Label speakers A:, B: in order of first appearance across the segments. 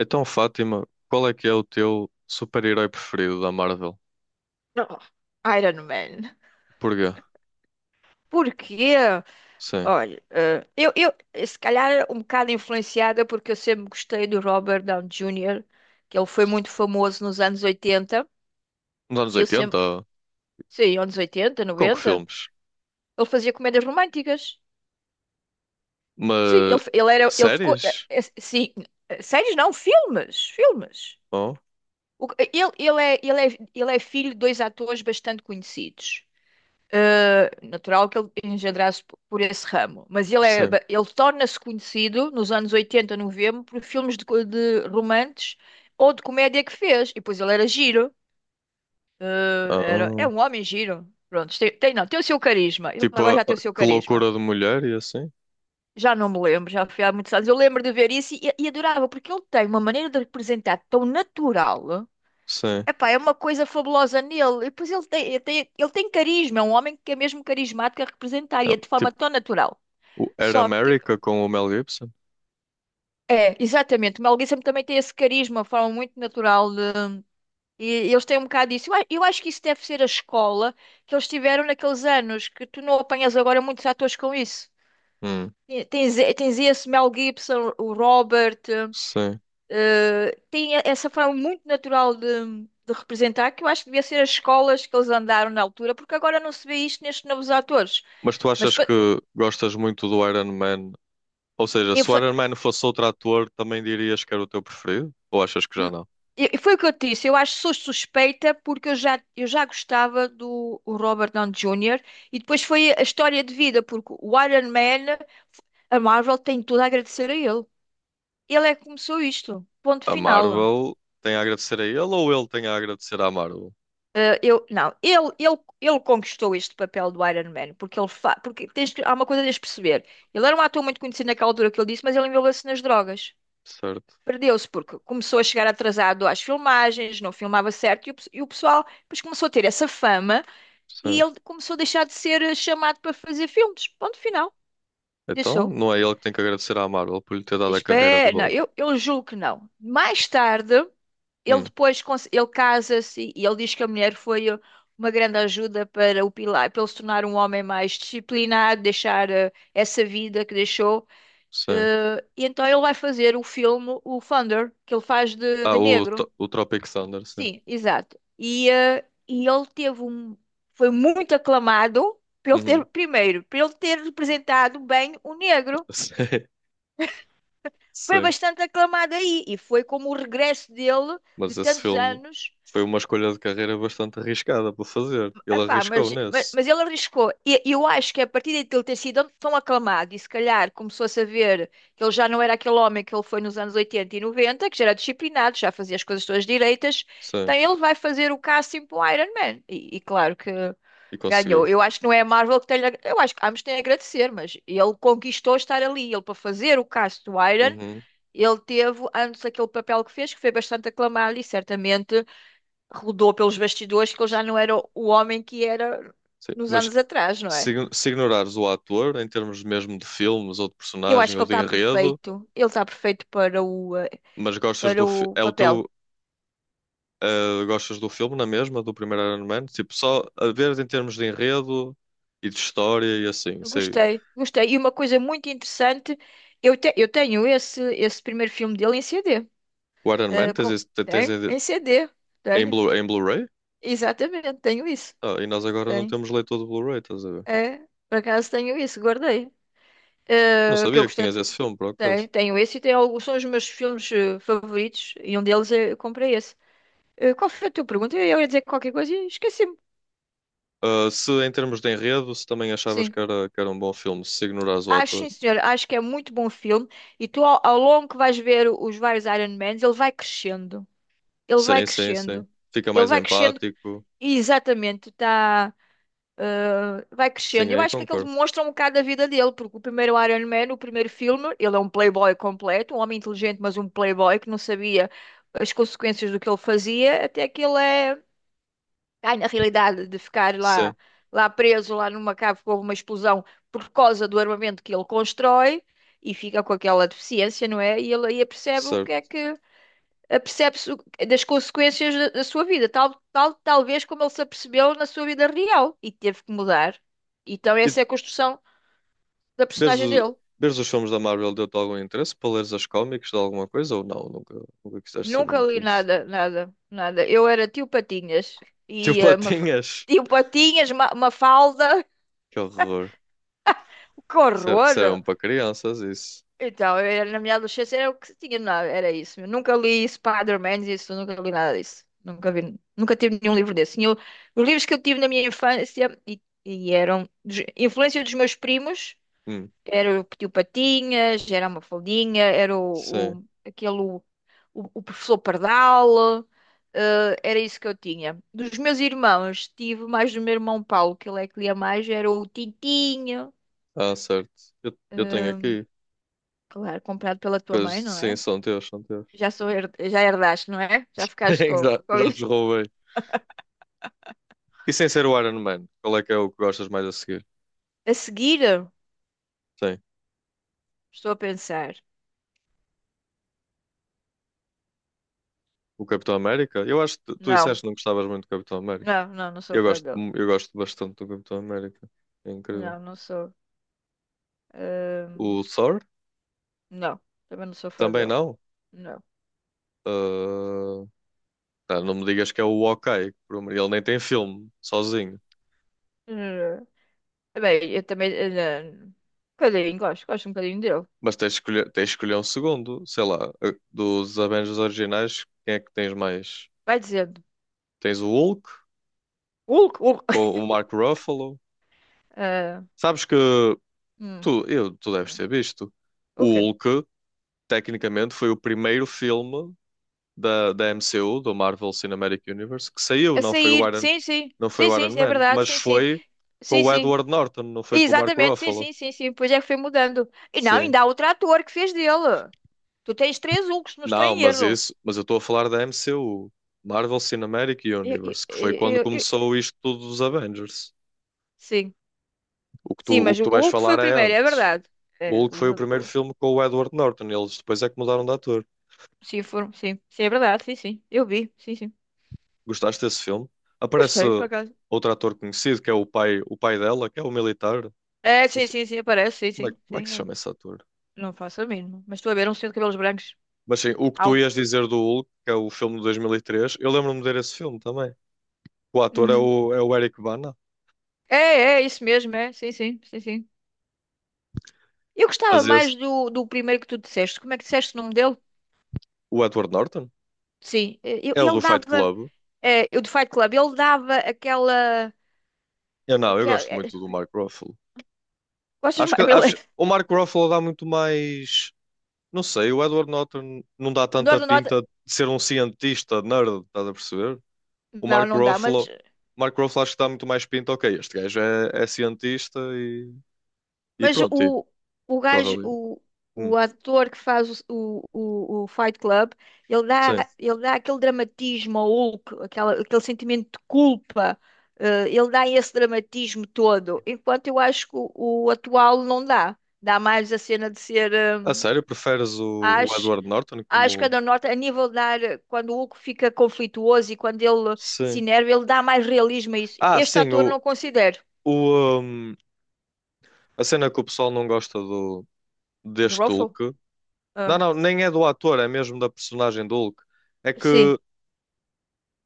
A: Então, Fátima, qual é que é o teu super-herói preferido da Marvel?
B: Oh, Iron Man.
A: Porquê?
B: Porquê?
A: Sim.
B: Olha, eu se calhar um bocado influenciada porque eu sempre gostei do Robert Downey Jr., que ele foi muito famoso nos anos 80
A: Nos anos
B: e eu
A: 80?
B: sempre, sim, anos 80
A: Com que
B: 90.
A: filmes?
B: Ele fazia comédias românticas. Sim, ele,
A: Mas...
B: f- ele era, ele ficou,
A: Séries?
B: sim, séries não, filmes, filmes.
A: Oh,
B: Ele é filho de dois atores bastante conhecidos. Natural que ele engendrasse por esse ramo, mas ele, é,
A: sim.
B: ba- ele torna-se conhecido nos anos 80, 90 por filmes de romances ou de comédia que fez, e depois ele era giro, é
A: Oh.
B: um homem giro, pronto, não, tem o seu carisma, ele
A: Tipo,
B: agora já tem o seu
A: Que
B: carisma,
A: Loucura de Mulher e assim?
B: já não me lembro, já foi há muitos anos, eu lembro de ver isso e adorava, porque ele tem uma maneira de representar tão natural.
A: Sim.
B: Epá, é uma coisa fabulosa nele. E depois ele tem carisma, é um homem que é mesmo carismático a representar e
A: Ah,
B: é de forma
A: tipo,
B: tão natural.
A: o Era
B: Só que.
A: América com o Mel Gibson?
B: É, exatamente. O Mel Gibson também tem esse carisma, uma forma muito natural de. E eles têm um bocado disso. Eu acho que isso deve ser a escola que eles tiveram naqueles anos, que tu não apanhas agora muitos atores com isso.
A: Hum,
B: E tens esse Mel Gibson, o Robert.
A: sim.
B: Tem essa forma muito natural de representar, que eu acho que devia ser as escolas que eles andaram na altura, porque agora não se vê isto nestes novos atores.
A: Mas tu
B: Mas
A: achas
B: pa-
A: que gostas muito do Iron Man? Ou seja,
B: eu,
A: se o
B: fa-
A: Iron Man fosse outro ator, também dirias que era o teu preferido? Ou achas que já
B: n-
A: não?
B: eu- foi o que eu te disse, eu acho que sou suspeita porque eu já gostava do o Robert Downey Jr. e depois foi a história de vida, porque o Iron Man, a Marvel tem tudo a agradecer a ele. Ele é que começou isto, ponto
A: A
B: final.
A: Marvel tem a agradecer a ele ou ele tem a agradecer à Marvel?
B: Não, ele conquistou este papel do Iron Man. Porque ele fa... porque tens que- Há uma coisa que tens de perceber. Ele era um ator muito conhecido naquela altura que ele disse, mas ele envolveu-se nas drogas.
A: Certo,
B: Perdeu-se porque começou a chegar atrasado às filmagens, não filmava certo, e o pessoal depois começou a ter essa fama e
A: sim.
B: ele começou a deixar de ser chamado para fazer filmes. Ponto final.
A: Então,
B: Deixou.
A: não é ele que tem que agradecer à Marvel por lhe ter dado a carreira de
B: Espera, não,
A: volta.
B: eu julgo que não. Mais tarde. Ele
A: Hum,
B: depois ele casa-se e ele diz que a mulher foi uma grande ajuda para o Pilar, para ele se tornar um homem mais disciplinado, deixar essa vida que deixou.
A: sim.
B: E então ele vai fazer o filme, o Thunder, que ele faz de,
A: Ah,
B: de negro.
A: O Tropic Thunder, sim.
B: Sim, exato. E ele teve um, foi muito aclamado pelo ter,
A: Uhum.
B: primeiro, pelo ter representado bem o negro. Foi
A: Sim, sim.
B: bastante aclamado aí e foi como o regresso dele de
A: Mas esse
B: tantos
A: filme
B: anos.
A: foi uma escolha de carreira bastante arriscada para fazer. Ele
B: Epá, mas,
A: arriscou
B: mas,
A: nesse.
B: mas ele arriscou. E eu acho que a partir de ele ter sido tão aclamado e se calhar começou a saber que ele já não era aquele homem que ele foi nos anos 80 e 90, que já era disciplinado, já fazia as coisas todas direitas,
A: Sim,
B: então ele vai fazer o casting para o Iron Man. E claro que
A: e
B: ganhou.
A: conseguiu.
B: Eu acho que não é a Marvel que tem. Eu acho que ambos têm a agradecer, mas ele conquistou estar ali. Ele, para fazer o casting do Iron,
A: Uhum.
B: ele teve antes aquele papel que fez, que foi bastante aclamado e certamente rodou pelos bastidores que ele já não era o homem que era
A: Sim.
B: nos
A: Mas
B: anos atrás, não é?
A: se ignorares o ator, em termos mesmo de filmes ou de
B: Eu acho
A: personagem
B: que
A: ou
B: ele
A: de
B: está
A: enredo,
B: perfeito. Ele está perfeito para o, eh,
A: mas gostas
B: para
A: do filme.
B: o
A: É o
B: papel.
A: teu. Gostas do filme na mesma, do primeiro Iron Man? Tipo, só a ver em termos de enredo e de história e assim. Sei.
B: Gostei, gostei. E uma coisa muito interessante, eu tenho esse primeiro filme dele em CD.
A: O Iron Man
B: Eh,
A: tens,
B: com-
A: tens
B: Tem?
A: em,
B: Em CD.
A: em
B: Tenho.
A: Blu, em Blu-ray?
B: Exatamente, tenho isso.
A: Ah, e nós agora não
B: Tenho.
A: temos leitor de Blu-ray, estás a ver?
B: É, por acaso tenho isso, guardei.
A: Não
B: Que eu
A: sabia que
B: gostei.
A: tinhas esse filme, por
B: Tenho,
A: acaso.
B: tenho esse e tenho alguns, são os meus filmes favoritos e um deles é, eu comprei esse. Qual foi a tua pergunta? Eu ia dizer qualquer coisa e esqueci-me.
A: Se em termos de enredo, se também achavas
B: Sim.
A: que era um bom filme, se ignorares o
B: Acho,
A: ator.
B: sim, senhora. Acho que é muito bom filme. E tu, ao longo que vais ver os vários Iron Mans, ele vai crescendo. Ele vai
A: Sim, sim, sim.
B: crescendo.
A: Fica
B: Ele
A: mais
B: vai crescendo.
A: empático.
B: Exatamente. Tá. Vai
A: Sim,
B: crescendo. Eu
A: aí
B: acho que aquilo
A: concordo.
B: demonstra um bocado a vida dele, porque o primeiro Iron Man, o primeiro filme, ele é um playboy completo, um homem inteligente, mas um playboy que não sabia as consequências do que ele fazia, até que ele é. Ai, na realidade, de ficar lá,
A: Sim,
B: lá preso, lá numa cave com uma explosão por causa do armamento que ele constrói e fica com aquela deficiência, não é? E ele aí percebe o que é
A: certo.
B: que apercebe-se das consequências da sua vida, talvez como ele se apercebeu na sua vida real e teve que mudar. Então,
A: E
B: essa é a construção da
A: vês,
B: personagem dele.
A: vês os filmes da Marvel deu-te algum interesse para leres as cómics de alguma coisa ou não? Nunca, nunca quiseste saber
B: Nunca li
A: muito disso.
B: nada, nada, nada. Eu era tio Patinhas
A: Tipo,
B: e eh, Maf-
A: patinhas!
B: tio Patinhas, uma, uma falda,
A: Que horror.
B: que
A: Isso é
B: horror!
A: mesmo para crianças, isso.
B: Então, na minha adolescência era o que tinha, não, era isso. Eu nunca li Spider-Man, isso, nunca li nada disso. Nunca vi, nunca tive nenhum livro desse. Tinha os livros que eu tive na minha infância e eram influência dos meus primos,
A: Hum,
B: era o Tio Patinhas, era a Mafaldinha, era o,
A: sim.
B: o- aquele o, o professor Pardal, era isso que eu tinha. Dos meus irmãos, tive mais do meu irmão Paulo, que ele é que lia mais, era o Tintinho,
A: Ah, certo. Eu tenho
B: eh,
A: aqui.
B: claro, comprado pela tua
A: Coisas,
B: mãe, não
A: sim,
B: é?
A: são teus, são teus.
B: Já herdaste, não é? Já ficaste com,
A: Já,
B: com
A: já
B: isso.
A: te roubei. E sem ser o Iron Man, qual é que é o que gostas mais a seguir?
B: A seguir,
A: Sim.
B: estou a pensar.
A: O Capitão América? Eu acho que tu disseste
B: Não,
A: que não gostavas muito do Capitão América.
B: não, não, não sou
A: Eu
B: fã
A: gosto,
B: dele.
A: eu gosto bastante do Capitão América. É incrível.
B: Não, não sou. Ahm,
A: O Thor?
B: não, também não sou fã
A: Também
B: dele.
A: não?
B: Não.
A: Ah, tá, não me digas que é o Hawkeye, por amor- ele nem tem filme, sozinho.
B: Bem, eu também. Não. Um bocadinho, gosto um bocadinho dele.
A: Mas tens de escolher um segundo, sei lá, dos Avengers originais, quem é que tens mais?
B: Vai dizendo.
A: Tens o Hulk,
B: Hulk, Hulk.
A: com o Mark Ruffalo.
B: Ah,
A: Sabes que
B: hum,
A: tu, eu, tu deves
B: não.
A: ter visto. O
B: O quê?
A: Hulk, tecnicamente, foi o primeiro filme da MCU, do Marvel Cinematic Universe, que saiu,
B: A
A: não foi
B: sair,
A: o Iron,
B: sim, sim.
A: não foi
B: Sim,
A: o
B: sim,
A: Iron
B: é
A: Man,
B: verdade,
A: mas
B: sim, sim.
A: foi com
B: Sim,
A: o
B: sim.
A: Edward Norton, não foi com o Mark
B: Exatamente, sim,
A: Ruffalo.
B: sim, sim, sim. Pois é que foi mudando. E não,
A: Sim.
B: ainda há outro ator que fez dele. Tu tens três Hulks, não estou
A: Não,
B: em
A: mas
B: erro.
A: isso, mas eu estou a falar da MCU, Marvel Cinematic
B: Eu- eu-
A: Universe, que foi quando
B: eu- eu-
A: começou isto tudo dos Avengers.
B: Sim, sim,
A: O
B: mas
A: que
B: o
A: tu vais
B: Hulk foi
A: falar
B: o
A: é
B: primeiro, é
A: antes.
B: verdade.
A: O
B: É,
A: Hulk
B: o
A: foi o
B: ver-
A: primeiro
B: o-
A: filme com o Edward Norton, e eles depois é que mudaram de ator.
B: Sim, foram, sim, sim, é verdade, sim, sim. Eu vi, sim, sim.
A: Gostaste desse filme? Aparece
B: Gostei, por acaso.
A: outro ator conhecido, que é o pai dela, que é o militar.
B: É,
A: Não
B: sim,
A: sei,
B: sim, sim, aparece, sim, sim,
A: como é que
B: sim.
A: se
B: É.
A: chama esse ator?
B: Não faço a mínima. Mas estou a ver um senhor de cabelos brancos,
A: Mas sim, o que tu
B: alto.
A: ias dizer do Hulk, que é o filme de 2003, eu lembro-me de ver esse filme também. O ator é
B: Uhum.
A: é o Eric Bana,
B: É, é, isso mesmo, é. Sim, sim, sim, sim. Eu gostava
A: mas esse,
B: mais do primeiro que tu disseste. Como é que disseste o nome dele?
A: o Edward Norton,
B: Sim,
A: é o
B: ele
A: do Fight
B: dava.
A: Club.
B: Eu do Fight Club, ele dava aquela.
A: Eu não, eu
B: aquela
A: gosto
B: eh,
A: muito do Mark Ruffalo.
B: Gostas
A: Acho
B: mais?
A: que acho, o Mark Ruffalo dá muito mais. Não sei, o Edward Norton não dá tanta
B: Norte do Norte.
A: pinta de ser um cientista nerd, estás a perceber? O
B: Não,
A: Mark
B: não dá, mas,
A: Ruffalo, Mark Ruffalo acho que dá muito mais pinta. Ok, este gajo é, é cientista e
B: mas
A: pronto, e
B: o
A: corre
B: gajo,
A: ali.
B: o,
A: Hum,
B: o ator que faz o Fight Club, ele dá,
A: sim.
B: ele dá aquele dramatismo ao Hulk, aquele sentimento de culpa, ele dá esse dramatismo todo, enquanto eu acho que o atual não dá. Dá mais a cena de ser. eh,
A: A sério, preferes o
B: acho,
A: Edward Norton
B: acho que a
A: como.
B: da Norte, a nível de dar, quando o Hulk fica conflituoso e quando ele se
A: Sim.
B: enerva, ele dá mais realismo a isso.
A: Ah,
B: Este
A: sim,
B: ator não considero.
A: o, hum, a cena que o pessoal não gosta do,
B: Do
A: deste
B: Ruffalo?
A: Hulk. Não, não, nem é do ator, é mesmo da personagem do Hulk. É
B: Sim,
A: que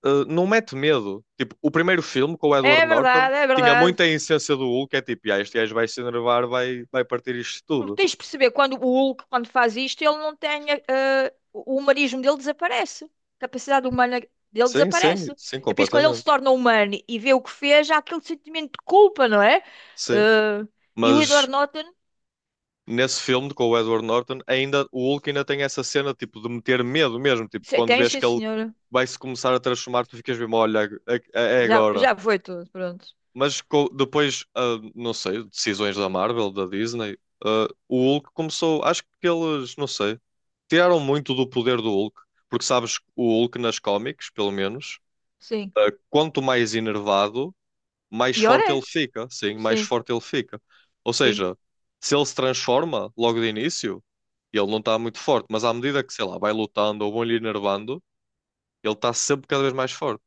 A: não mete medo. Tipo, o primeiro filme com o Edward
B: é
A: Norton
B: verdade, é
A: tinha
B: verdade.
A: muita essência do Hulk, é tipo, ah, este gajo vai se enervar, vai, vai partir isto
B: Porque
A: tudo.
B: tens de perceber, quando o Hulk, quando faz isto, ele não tem. O humanismo dele desaparece. A capacidade humana dele
A: Sim, sim,
B: desaparece.
A: sim,
B: É por isso que quando ele se
A: completamente.
B: torna humano e vê o que fez, há aquele sentimento de culpa, não é?
A: Sim.
B: Eh, e o
A: Mas
B: Edward Norton
A: nesse filme com o Edward Norton, ainda o Hulk ainda tem essa cena tipo de meter medo mesmo, tipo, quando
B: tem,
A: vês
B: sim,
A: que ele
B: senhora.
A: vai se começar a transformar, tu ficas mesmo, olha, é, é
B: Já,
A: agora.
B: já foi tudo, pronto.
A: Mas depois, ah, não sei, decisões da Marvel, da Disney, ah, o Hulk começou. Acho que eles, não sei, tiraram muito do poder do Hulk. Porque sabes, o Hulk nas cómics, pelo menos,
B: Sim.
A: ah, quanto mais enervado, mais
B: Pior
A: forte ele
B: é.
A: fica. Sim, mais
B: Sim,
A: forte ele fica. Ou
B: sim,
A: seja, se ele se transforma logo de início, ele não está muito forte. Mas à medida que, sei lá, vai lutando ou vão-lhe enervando, ele está sempre cada vez mais forte.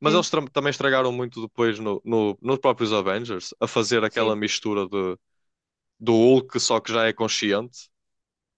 A: Mas eles
B: sim,
A: também estragaram muito depois nos próprios Avengers, a fazer aquela
B: sim.
A: mistura de, do Hulk, só que já é consciente.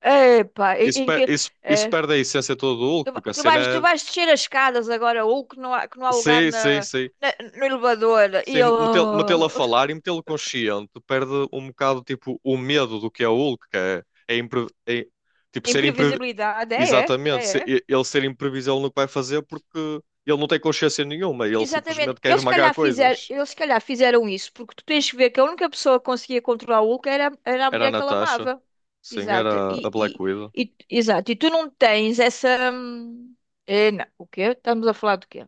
B: Epá, em,
A: Isso,
B: em que.
A: isso
B: eh,
A: perde a essência toda do Hulk,
B: Tu, va-
A: porque a
B: tu
A: cena
B: vais, tu
A: é.
B: vais descer as escadas agora, ou que não há lugar
A: Sim, sim, sim.
B: no elevador. E
A: Sim,
B: eu.
A: metê-lo a falar e metê-lo consciente perde um bocado tipo o medo do que é o Hulk, que é, é, tipo ser impre,
B: Imprevisibilidade. É, é,
A: exatamente,
B: é, é.
A: ele ser imprevisível no que vai fazer porque ele não tem consciência nenhuma, ele
B: Exatamente.
A: simplesmente quer
B: Eles se
A: esmagar
B: calhar fizeram,
A: coisas.
B: eles se calhar fizeram isso, porque tu tens que ver que a única pessoa que conseguia controlar o Hulk era a
A: Era a
B: mulher que ele
A: Natasha,
B: amava.
A: sim,
B: Exato.
A: era a
B: E,
A: Black
B: e,
A: Widow.
B: e- exato. E tu não tens essa. É, não. O quê? Estamos a falar do quê?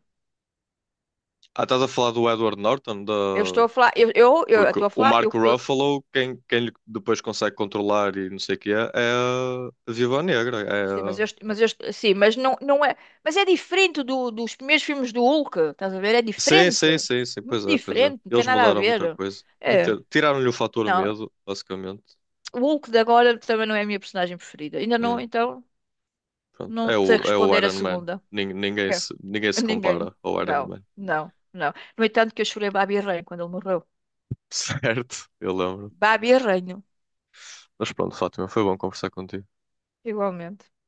A: Ah, estás a falar do Edward Norton? Da...
B: Eu estou a falar. Eu
A: Porque
B: estou a
A: o
B: falar. eu,
A: Marco Ruffalo, quem, quem lhe depois consegue controlar e não sei o que é, é a Viúva Negra. É...
B: Sim, mas eu,
A: a-
B: est- mas eu, est- sim, mas não, não é. Mas é diferente dos primeiros filmes do Hulk, estás a ver? É
A: Sim, sim,
B: diferente.
A: sim, sim,
B: Muito
A: pois é, pois é.
B: diferente, não tem
A: Eles
B: nada a
A: mudaram muita
B: ver.
A: coisa.
B: É.
A: Meter- Tiraram-lhe o fator
B: Não,
A: medo, basicamente.
B: o Hulk de agora também não é a minha personagem preferida. Ainda não,
A: Hum,
B: então,
A: pronto. É
B: não sei
A: o, é o
B: responder a
A: Iron Man.
B: segunda.
A: Nin-
B: É.
A: ninguém se
B: Ninguém.
A: compara ao Iron
B: Não,
A: Man.
B: não, não. No entanto, que eu chorei Babi Ranho quando ele morreu.
A: Certo, eu lembro.
B: Babi Ranho,
A: Mas pronto, Fátima, foi bom conversar contigo.
B: igualmente.